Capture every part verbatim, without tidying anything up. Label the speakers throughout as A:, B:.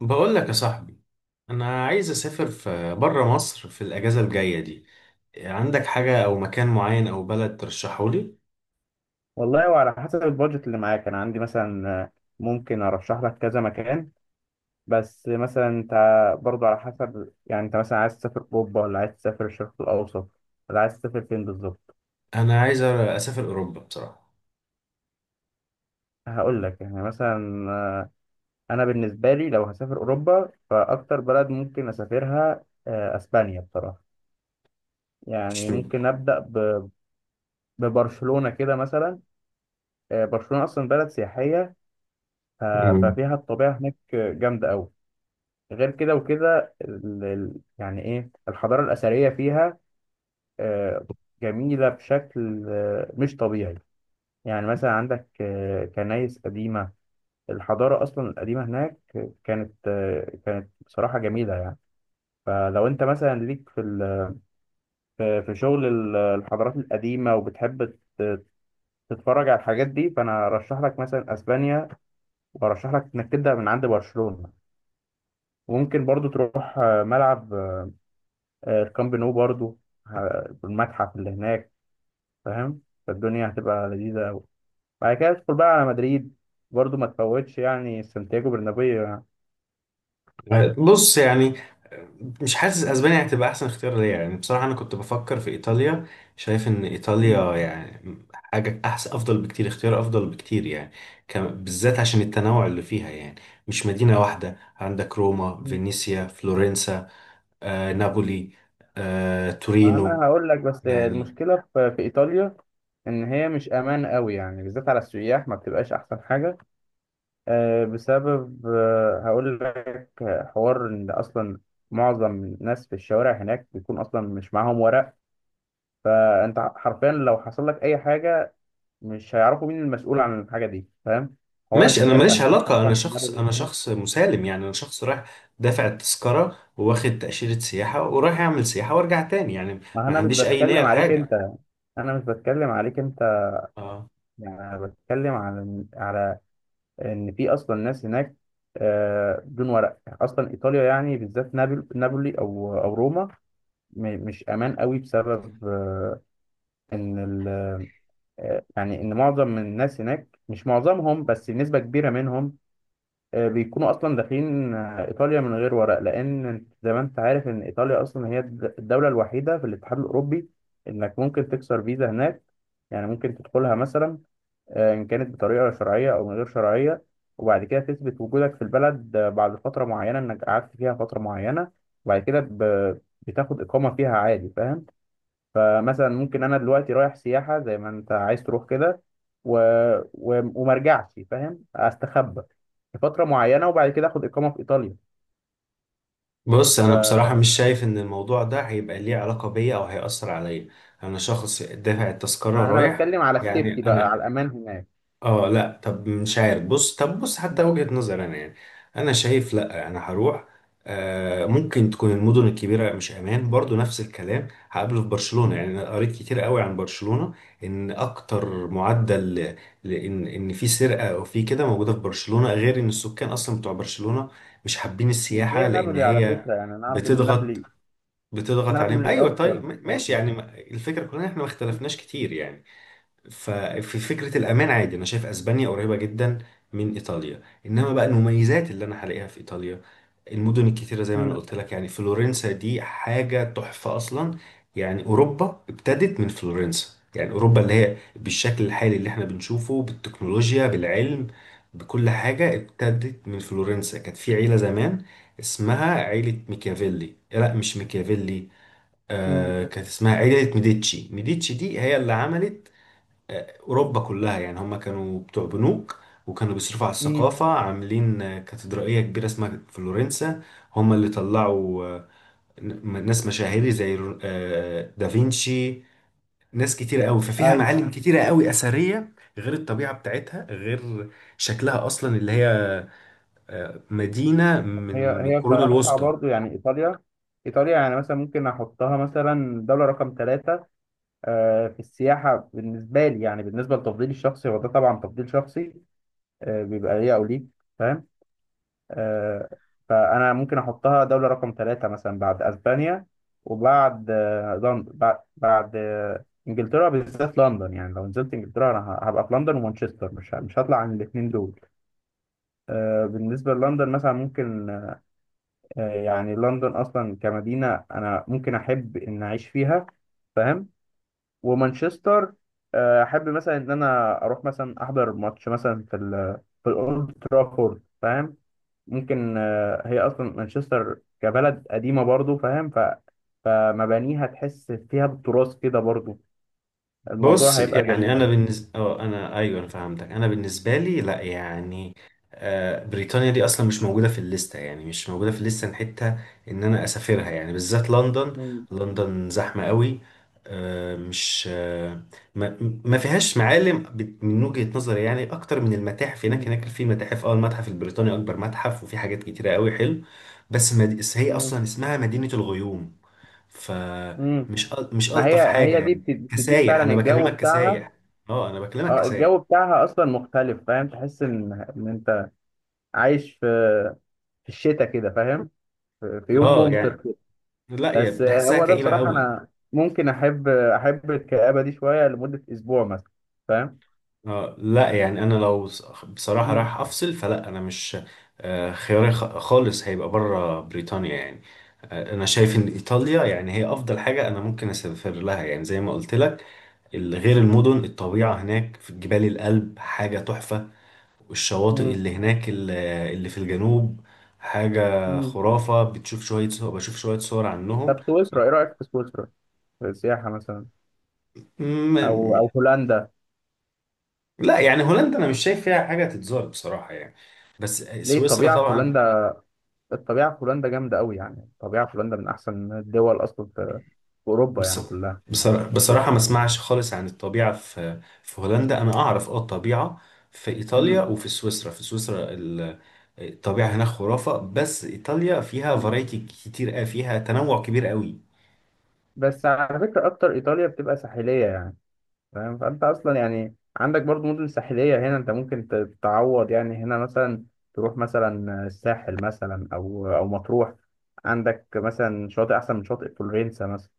A: بقول لك يا صاحبي، انا عايز اسافر في بره مصر في الاجازه الجايه دي. عندك حاجه او مكان معين او بلد ترشحه لي؟
B: والله وعلى حسب البادجت اللي معاك انا عندي مثلا آه، ممكن ارشح لك كذا مكان. بس مثلا انت برضو على حسب، يعني انت مثلا عايز تسافر اوروبا ولا عايز تسافر الشرق الاوسط ولا عايز تسافر فين بالظبط؟
A: انا عايز اسافر اوروبا بصراحه.
B: هقول لك يعني مثلا. آه، انا بالنسبه لي لو هسافر اوروبا فاكتر بلد ممكن اسافرها آه، اسبانيا بصراحه.
A: مش
B: يعني ممكن ابدا ب- ببرشلونه كده مثلا. آه، برشلونه اصلا بلد سياحيه، ف-
A: مم.
B: ففيها الطبيعه هناك جامده قوي. غير كده وكده ال- ال- يعني ايه الحضارة الأثرية فيها آه، جميلة بشكل آه، مش طبيعي. يعني مثلا عندك آه، كنايس قديمة، الحضارة أصلا القديمة هناك كانت، آه، كانت بصراحة جميلة يعني. فلو أنت مثلا ليك في ال- في في شغل ال- الحضارات القديمة وبتحب ت- تتفرج على الحاجات دي، فأنا أرشح لك مثلا أسبانيا، وأرشح لك إنك تبدأ من عند برشلونة. وممكن برضو تروح آه، ملعب آه، الكامب نو برضو، ه- والمتحف اللي هناك، فاهم؟ فالدنيا هتبقى لذيذة أوي. بعد كده ادخل بقى على مدريد، برضو ما تفوتش يعني سانتياغو برنابيو يعني.
A: بص يعني، مش حاسس اسبانيا هتبقى احسن اختيار ليا. يعني بصراحه انا كنت بفكر في ايطاليا، شايف ان
B: مم.
A: ايطاليا يعني حاجه احسن، افضل بكتير، اختيار افضل بكتير يعني. كم- بالذات عشان التنوع اللي فيها يعني، مش مدينه واحده، عندك روما،
B: مم.
A: فينيسيا، فلورنسا، آه نابولي، آه
B: ما
A: تورينو
B: أنا هقول لك بس
A: يعني.
B: المشكلة في في إيطاليا إن هي مش أمان قوي يعني، بالذات على السياح ما بتبقاش أحسن حاجة، آه، بسبب آه، هقول لك، حوار إن أصلا معظم الناس في الشوارع هناك بيكون أصلا مش معاهم ورق. فأنت حرفيا لو حصل لك أي حاجة مش هيعرفوا مين المسؤول عن الحاجه دي، فاهم؟ حوار
A: ماشي، انا
B: السرقه
A: ماليش
B: هنروح
A: علاقة،
B: مثلا
A: انا
B: في دماغ
A: شخص، انا
B: الإسلام.
A: شخص مسالم يعني، انا شخص رايح دافع التذكرة وواخد تأشيرة سياحة ورايح اعمل سياحة وارجع تاني يعني.
B: ما
A: ما
B: انا مش
A: عنديش اي نية
B: بتكلم عليك
A: لحاجة.
B: انت. انا مش بتكلم عليك انت.
A: اه
B: يعني انا بتكلم على على ان في اصلا ناس هناك آه، بدون ورق، اصلا ايطاليا يعني بالذات نابل نابولي او او روما م- مش امان قوي، بسبب آه، ان ال- آه، يعني ان معظم من الناس هناك، مش معظمهم بس نسبه كبيره منهم، آه، بيكونوا اصلا داخلين آه، ايطاليا من غير ورق. لان انت زي ما انت عارف ان ايطاليا اصلا هي الد- الدوله الوحيده في الاتحاد الاوروبي انك ممكن تكسر فيزا هناك. يعني ممكن تدخلها مثلا، آه، ان كانت بطريقه شرعيه او من غير شرعيه، وبعد كده تثبت وجودك في البلد. آه، بعد فتره معينه، انك قعدت فيها فتره معينه، وبعد كده ب- بتاخد اقامه فيها عادي، فاهم؟ فمثلا ممكن انا دلوقتي رايح سياحه زي ما انت عايز تروح كده، و... و... وما ارجعش، فاهم؟ استخبى لفتره معينه وبعد كده اخد اقامه في ايطاليا.
A: بص، انا بصراحة مش شايف ان الموضوع ده هيبقى ليه علاقة بيا او هيأثر عليا. انا شخص دافع التذكرة
B: انا
A: رايح
B: بتكلم على
A: يعني.
B: السيفتي بقى،
A: انا
B: على الامان هناك.
A: اه لا، طب مش عارف، بص، طب بص، حتى وجهة نظر انا يعني، انا شايف لا، انا هروح. آه، ممكن تكون المدن الكبيرة مش امان، برضو نفس الكلام هقابله في برشلونة.
B: مم.
A: يعني انا قريت كتير قوي عن برشلونة، ان اكتر معدل ل- لان، ان في سرقة او في كده موجودة في برشلونة، غير ان السكان اصلا بتوع برشلونة مش حابين
B: مش
A: السياحة،
B: زي
A: لان
B: نابولي على
A: هي
B: فكره، يعني انا اعرف ان
A: بتضغط،
B: نابولي،
A: بتضغط عليهم.
B: نابولي
A: ايوه
B: اكتر
A: طيب، م- ماشي
B: برضه.
A: يعني، ما- الفكرة كلها إن احنا ما اختلفناش كتير يعني. ففي فكرة الأمان عادي، أنا شايف أسبانيا قريبة جدا من إيطاليا، إنما بقى المميزات اللي أنا هلاقيها في إيطاليا، المدن الكتيرة زي ما أنا
B: امم
A: قلت لك يعني، فلورنسا دي حاجة تحفة أصلا. يعني أوروبا ابتدت من فلورنسا، يعني أوروبا اللي هي بالشكل الحالي اللي احنا بنشوفه، بالتكنولوجيا، بالعلم، بكل حاجة، ابتدت من فلورنسا. كانت في عيلة زمان اسمها عيلة ميكافيلي، لا مش ميكافيلي،
B: مم.
A: آه كانت اسمها عيلة ميديتشي. ميديتشي دي هي اللي عملت اوروبا كلها يعني. هم كانوا بتوع بنوك، وكانوا بيصرفوا على
B: امم
A: الثقافه، عاملين آه، كاتدرائيه كبيره اسمها فلورنسا. هم اللي طلعوا آه، ن- ناس مشاهير زي رو- آه، دافينشي، ناس كتيرة قوي. ففيها
B: ايوه
A: معالم كتيرة قوي أثرية، غير الطبيعة بتاعتها، غير شكلها أصلا اللي هي آه، مدينة
B: هي
A: من
B: هي
A: القرون
B: بصراحه
A: الوسطى.
B: برضه يعني ايطاليا، ايطاليا يعني مثلا ممكن احطها مثلا دوله رقم ثلاثة آه، في السياحة بالنسبة لي، يعني بالنسبة لتفضيلي الشخصي، هو ده طبعا تفضيل شخصي آه، بيبقى ليا أو ليك، فاهم؟ آه، فأنا ممكن أحطها دولة رقم ثلاثة مثلا، بعد أسبانيا، وبعد آه، لندن، بعد, بعد آه، إنجلترا، بالذات لندن. يعني لو نزلت إنجلترا أنا ه- هبقى في لندن ومانشستر، مش ه- مش هطلع عن الاتنين دول. آه، بالنسبة للندن مثلا، ممكن آه، يعني لندن أصلا كمدينة أنا ممكن أحب إن أعيش فيها، فاهم؟ ومانشستر آه، احب مثلا ان انا اروح مثلا احضر ماتش مثلا في ال، في الاولد ترافورد، فاهم؟ ممكن آه، هي اصلا مانشستر كبلد قديمه برضو، فاهم؟ ف فمبانيها تحس فيها بالتراث كده برضو،
A: بص
B: الموضوع هيبقى
A: يعني
B: جميل.
A: انا بالنسبه، اه انا ايوه انا فهمتك، انا بالنسبه لي لا يعني، آه، بريطانيا دي اصلا مش موجوده في الليسته، يعني مش موجوده في الليسته حتى ان انا اسافرها يعني، بالذات لندن.
B: مم،
A: لندن زحمه قوي، آه، مش آه، ما ما فيهاش معالم بت- من وجهه نظري يعني، اكتر من المتاحف هناك.
B: مم،
A: هناك في متاحف، اه المتحف البريطاني اكبر متحف، وفي حاجات كتيره قوي حلو، بس مد... هي
B: مم،
A: اصلا اسمها مدينه الغيوم.
B: مم.
A: فمش أل- مش
B: ما هي
A: ألطف حاجة
B: هي دي
A: يعني
B: بت- بتديك
A: كسايح،
B: فعلا
A: أنا
B: الجو
A: بكلمك
B: بتاعها.
A: كسايح. أه أنا بكلمك
B: اه
A: كسايح.
B: الجو بتاعها اصلا مختلف، فاهم؟ تحس ان ان انت عايش في في الشتاء كده، فاهم؟ في في يوم
A: أه يعني
B: ممطر.
A: لا يا،
B: بس
A: بحسها
B: هو ده
A: كئيبة
B: بصراحة
A: قوي.
B: أنا ممكن أحب، أحب الكآبة دي شوية لمدة أسبوع مثلا، فاهم؟
A: أه لا يعني، أنا لو ص- بصراحة
B: مم.
A: رايح أفصل، فلا أنا مش، آه، خياري خ- خالص هيبقى بره بريطانيا يعني. آه، أنا شايف إن إيطاليا يعني هي أفضل حاجة أنا ممكن أسافر لها، يعني زي ما قلت لك، ال- غير المدن، الطبيعة هناك في جبال الألب حاجة تحفة، والشواطئ
B: مم.
A: اللي هناك ال- اللي في الجنوب حاجة
B: مم.
A: خرافة. بتشوف شوية صور، بشوف شوية صور عنهم.
B: طب سويسرا إيه رأيك في سويسرا؟ في السياحة مثلا، أو
A: م-
B: أو هولندا.
A: لا يعني هولندا أنا مش شايف فيها حاجة تتزار بصراحة يعني، بس
B: ليه؟
A: سويسرا
B: الطبيعة في
A: طبعا.
B: هولندا، الطبيعة في هولندا جامدة أوي، يعني الطبيعة في هولندا من أحسن الدول أصلا في في أوروبا
A: بص...
B: يعني كلها.
A: بصرا- بصراحة ما اسمعش خالص عن الطبيعة في في هولندا، أنا أعرف أه الطبيعة في إيطاليا
B: مم.
A: وفي سويسرا. في سويسرا ال- الطبيعة هناك خرافة، بس إيطاليا فيها
B: مم.
A: فرايتي كتير أوي، فيها تنوع كبير قوي.
B: بس على فكرة أكتر إيطاليا بتبقى ساحلية يعني، فاهم؟ فانت اصلا يعني عندك برضو مدن ساحليه هنا، انت ممكن ت- تعوض يعني هنا مثلا، تروح مثلا الساحل مثلا او او مطروح. عندك مثلا شاطئ احسن من شاطئ فلورنسا مثلا.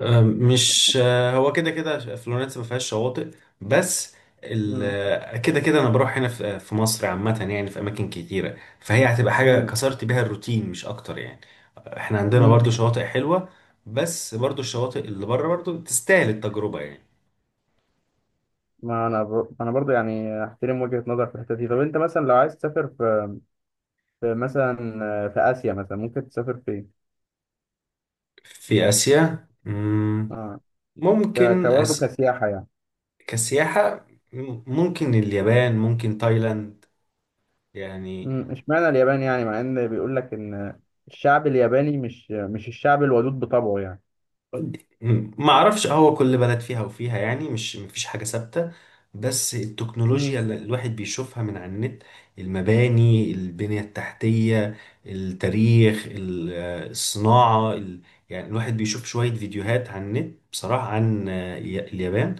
A: آه، مش آه، هو كده كده فلورنسا ما فيهاش شواطئ، بس ال-
B: امم.
A: آه، كده كده انا بروح هنا في آه، في مصر عامة يعني، في اماكن كتيرة، فهي هتبقى حاجة
B: امم.
A: كسرت بيها الروتين مش اكتر يعني. احنا عندنا
B: امم.
A: برضو شواطئ حلوة، بس برضو الشواطئ اللي بره برضو تستاهل التجربة يعني.
B: ما انا ب... انا برضو يعني احترم وجهه نظر في الحته دي. طب انت مثلا لو عايز تسافر في في مثلا في اسيا مثلا، ممكن تسافر فين؟
A: في اسيا، مم،
B: اه، ك...
A: ممكن
B: كبرضو
A: أس...
B: كسياحه يعني.
A: كسياحة، مم، ممكن اليابان، ممكن تايلاند يعني.
B: امم، اشمعنى اليابان؟ يعني مع ان بيقول لك ان الشعب الياباني مش مش الشعب الودود بطبعه
A: ما اعرفش، هو كل بلد فيها وفيها يعني، مش مفيش حاجة ثابتة، بس التكنولوجيا
B: يعني.
A: اللي الواحد بيشوفها من على النت، المباني، البنية التحتية، التاريخ، ال- آه، الصناعة ال- يعني الواحد بيشوف شوية فيديوهات على النت بصراحة عن آه، ي- اليابان،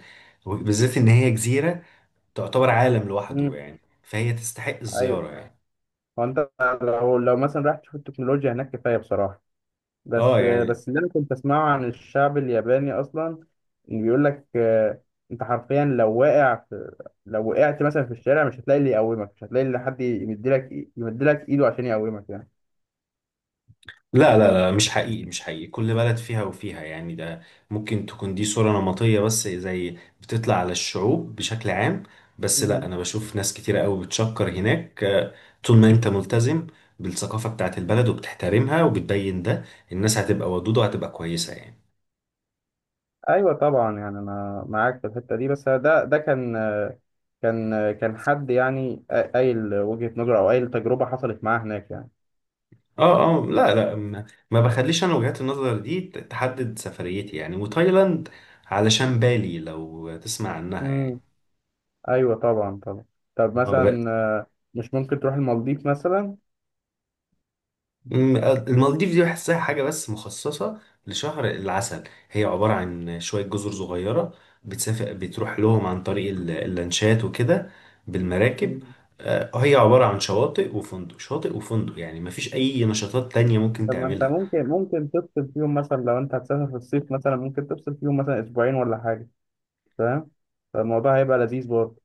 A: بالذات ان هي جزيرة تعتبر عالم لوحده
B: مم.
A: يعني، فهي تستحق
B: ايوه.
A: الزيارة يعني.
B: هو انت لو لو مثلا رايح تشوف التكنولوجيا هناك، كفايه بصراحه.
A: اه
B: بس
A: يعني
B: بس اللي انا كنت اسمعه عن الشعب الياباني اصلا إن بيقول لك آه، انت حرفيا لو واقع في، لو وقعت مثلا في الشارع مش هتلاقي اللي يقومك، مش هتلاقي اللي حد يمدلك إي- يمدلك ايده عشان يقومك يعني.
A: لا لا لا، مش حقيقي، مش حقيقي، كل بلد فيها وفيها يعني. ده ممكن تكون دي صورة نمطية، بس زي بتطلع على الشعوب بشكل عام، بس لا،
B: مم.
A: أنا بشوف ناس كتيرة قوي بتشكر هناك. آه، طول ما أنت ملتزم بالثقافة بتاعت البلد وبتحترمها وبتبين ده، الناس هتبقى ودودة وهتبقى كويسة يعني.
B: ايوه طبعا يعني انا معاك في الحته دي، بس ده ده كان آه، كان آه، كان حد يعني قايل وجهه نظره او قايل تجربه حصلت معاه هناك.
A: اه اه لا لا، ما ما بخليش أنا وجهات النظر دي ت- تحدد سفريتي يعني. وتايلاند علشان بالي لو تسمع عنها
B: يعني ايوه طبعا طبعا. طب
A: يعني.
B: مثلا آه، مش ممكن تروح المالديف مثلا؟
A: مم، المالديف دي بحسها حاجة بس مخصصة لشهر العسل، هي عبارة عن شوية جزر صغيرة، بتسافر، بتروح لهم عن طريق ال- اللانشات وكده، بالمراكب.
B: مم.
A: آه، هي عبارة عن شواطئ وفندق، شاطئ وفندق يعني، مفيش أي نشاطات تانية ممكن
B: طب ما انت
A: تعملها.
B: ممكن ممكن تفصل فيهم مثلا، لو انت هتسافر في الصيف مثلا ممكن تفصل فيهم مثلا اسبوعين ولا حاجه، فاهم؟ فالموضوع هيبقى لذيذ برضه.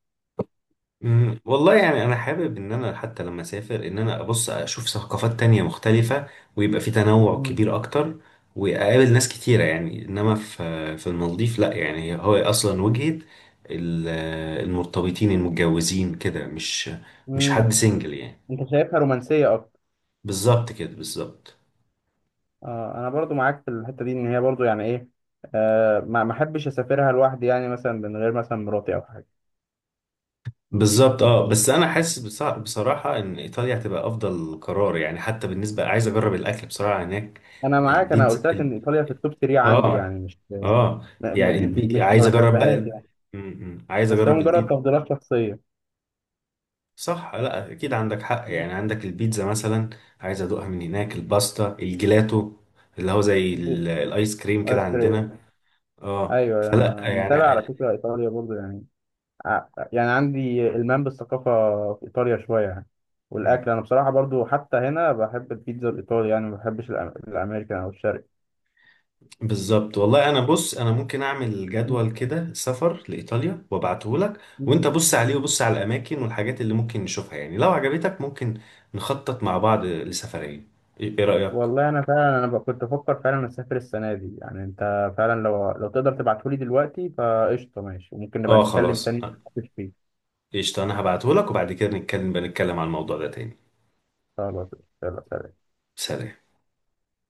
A: مم، والله يعني انا حابب ان انا حتى لما اسافر ان انا ابص اشوف ثقافات تانية مختلفة، ويبقى في تنوع
B: مم.
A: كبير اكتر، واقابل ناس كتيرة يعني. انما في في المالديف لا يعني، هو اصلا وجهة ال- المرتبطين، المتجوزين كده، مش مش
B: مم.
A: حد سنجل يعني.
B: انت شايفها رومانسيه اكتر.
A: بالظبط كده، بالظبط.
B: آه انا برضو معاك في الحته دي، ان هي برضو يعني ايه، آه ما ما احبش اسافرها لوحدي يعني، مثلا من غير مثلا مراتي او حاجه.
A: بالظبط اه، بس انا حاسس بص- بصراحة ان ايطاليا هتبقى افضل قرار يعني، حتى بالنسبة عايز اجرب الاكل بصراحة هناك،
B: انا معاك، انا
A: البيتزا
B: قلت لك
A: ال-
B: ان ايطاليا في التوب تلاتة عندي
A: اه
B: يعني، مش آه،
A: اه
B: م-
A: يعني، يعني
B: م-
A: البي...
B: مش ما
A: عايز اجرب بقى،
B: بحبهاش يعني.
A: م- م. عايز
B: بس هو
A: اجرب
B: مجرد
A: البيت.
B: تفضيلات شخصيه.
A: صح، لا اكيد عندك حق، يعني عندك البيتزا مثلا، عايز ادوقها من هناك، الباستا، الجيلاتو اللي هو زي
B: دي-
A: ال- الايس كريم كده
B: ايس كريم.
A: عندنا. اه
B: ايوه
A: فلا
B: انا متابع
A: يعني
B: على
A: ال-
B: فكره ايطاليا برضو يعني، ع- يعني عندي المام بالثقافه في ايطاليا شويه يعني. والاكل
A: م.
B: انا بصراحه برضو حتى هنا بحب البيتزا الايطالي يعني، ما بحبش الأم- الامريكان او الشرقي.
A: بالظبط. والله انا بص، انا ممكن اعمل
B: مم.
A: جدول كده سفر لايطاليا وابعته لك، وانت
B: مم.
A: بص عليه وبص على الاماكن والحاجات اللي ممكن نشوفها يعني، لو عجبتك ممكن نخطط مع بعض لسفرية. ايه إيه رأيك؟
B: والله انا فعلا انا ب- كنت بفكر فعلا اسافر السنه دي يعني. انت فعلا لو لو تقدر تبعتهولي دلوقتي فقشطه، ماشي، وممكن نبقى
A: اه
B: نتكلم
A: خلاص،
B: تاني فيه.
A: قشطة، أنا هبعتهولك وبعد كده نتكلم، بنتكلم عن الموضوع ده تاني.
B: خلاص، يلا سلام.
A: سلام.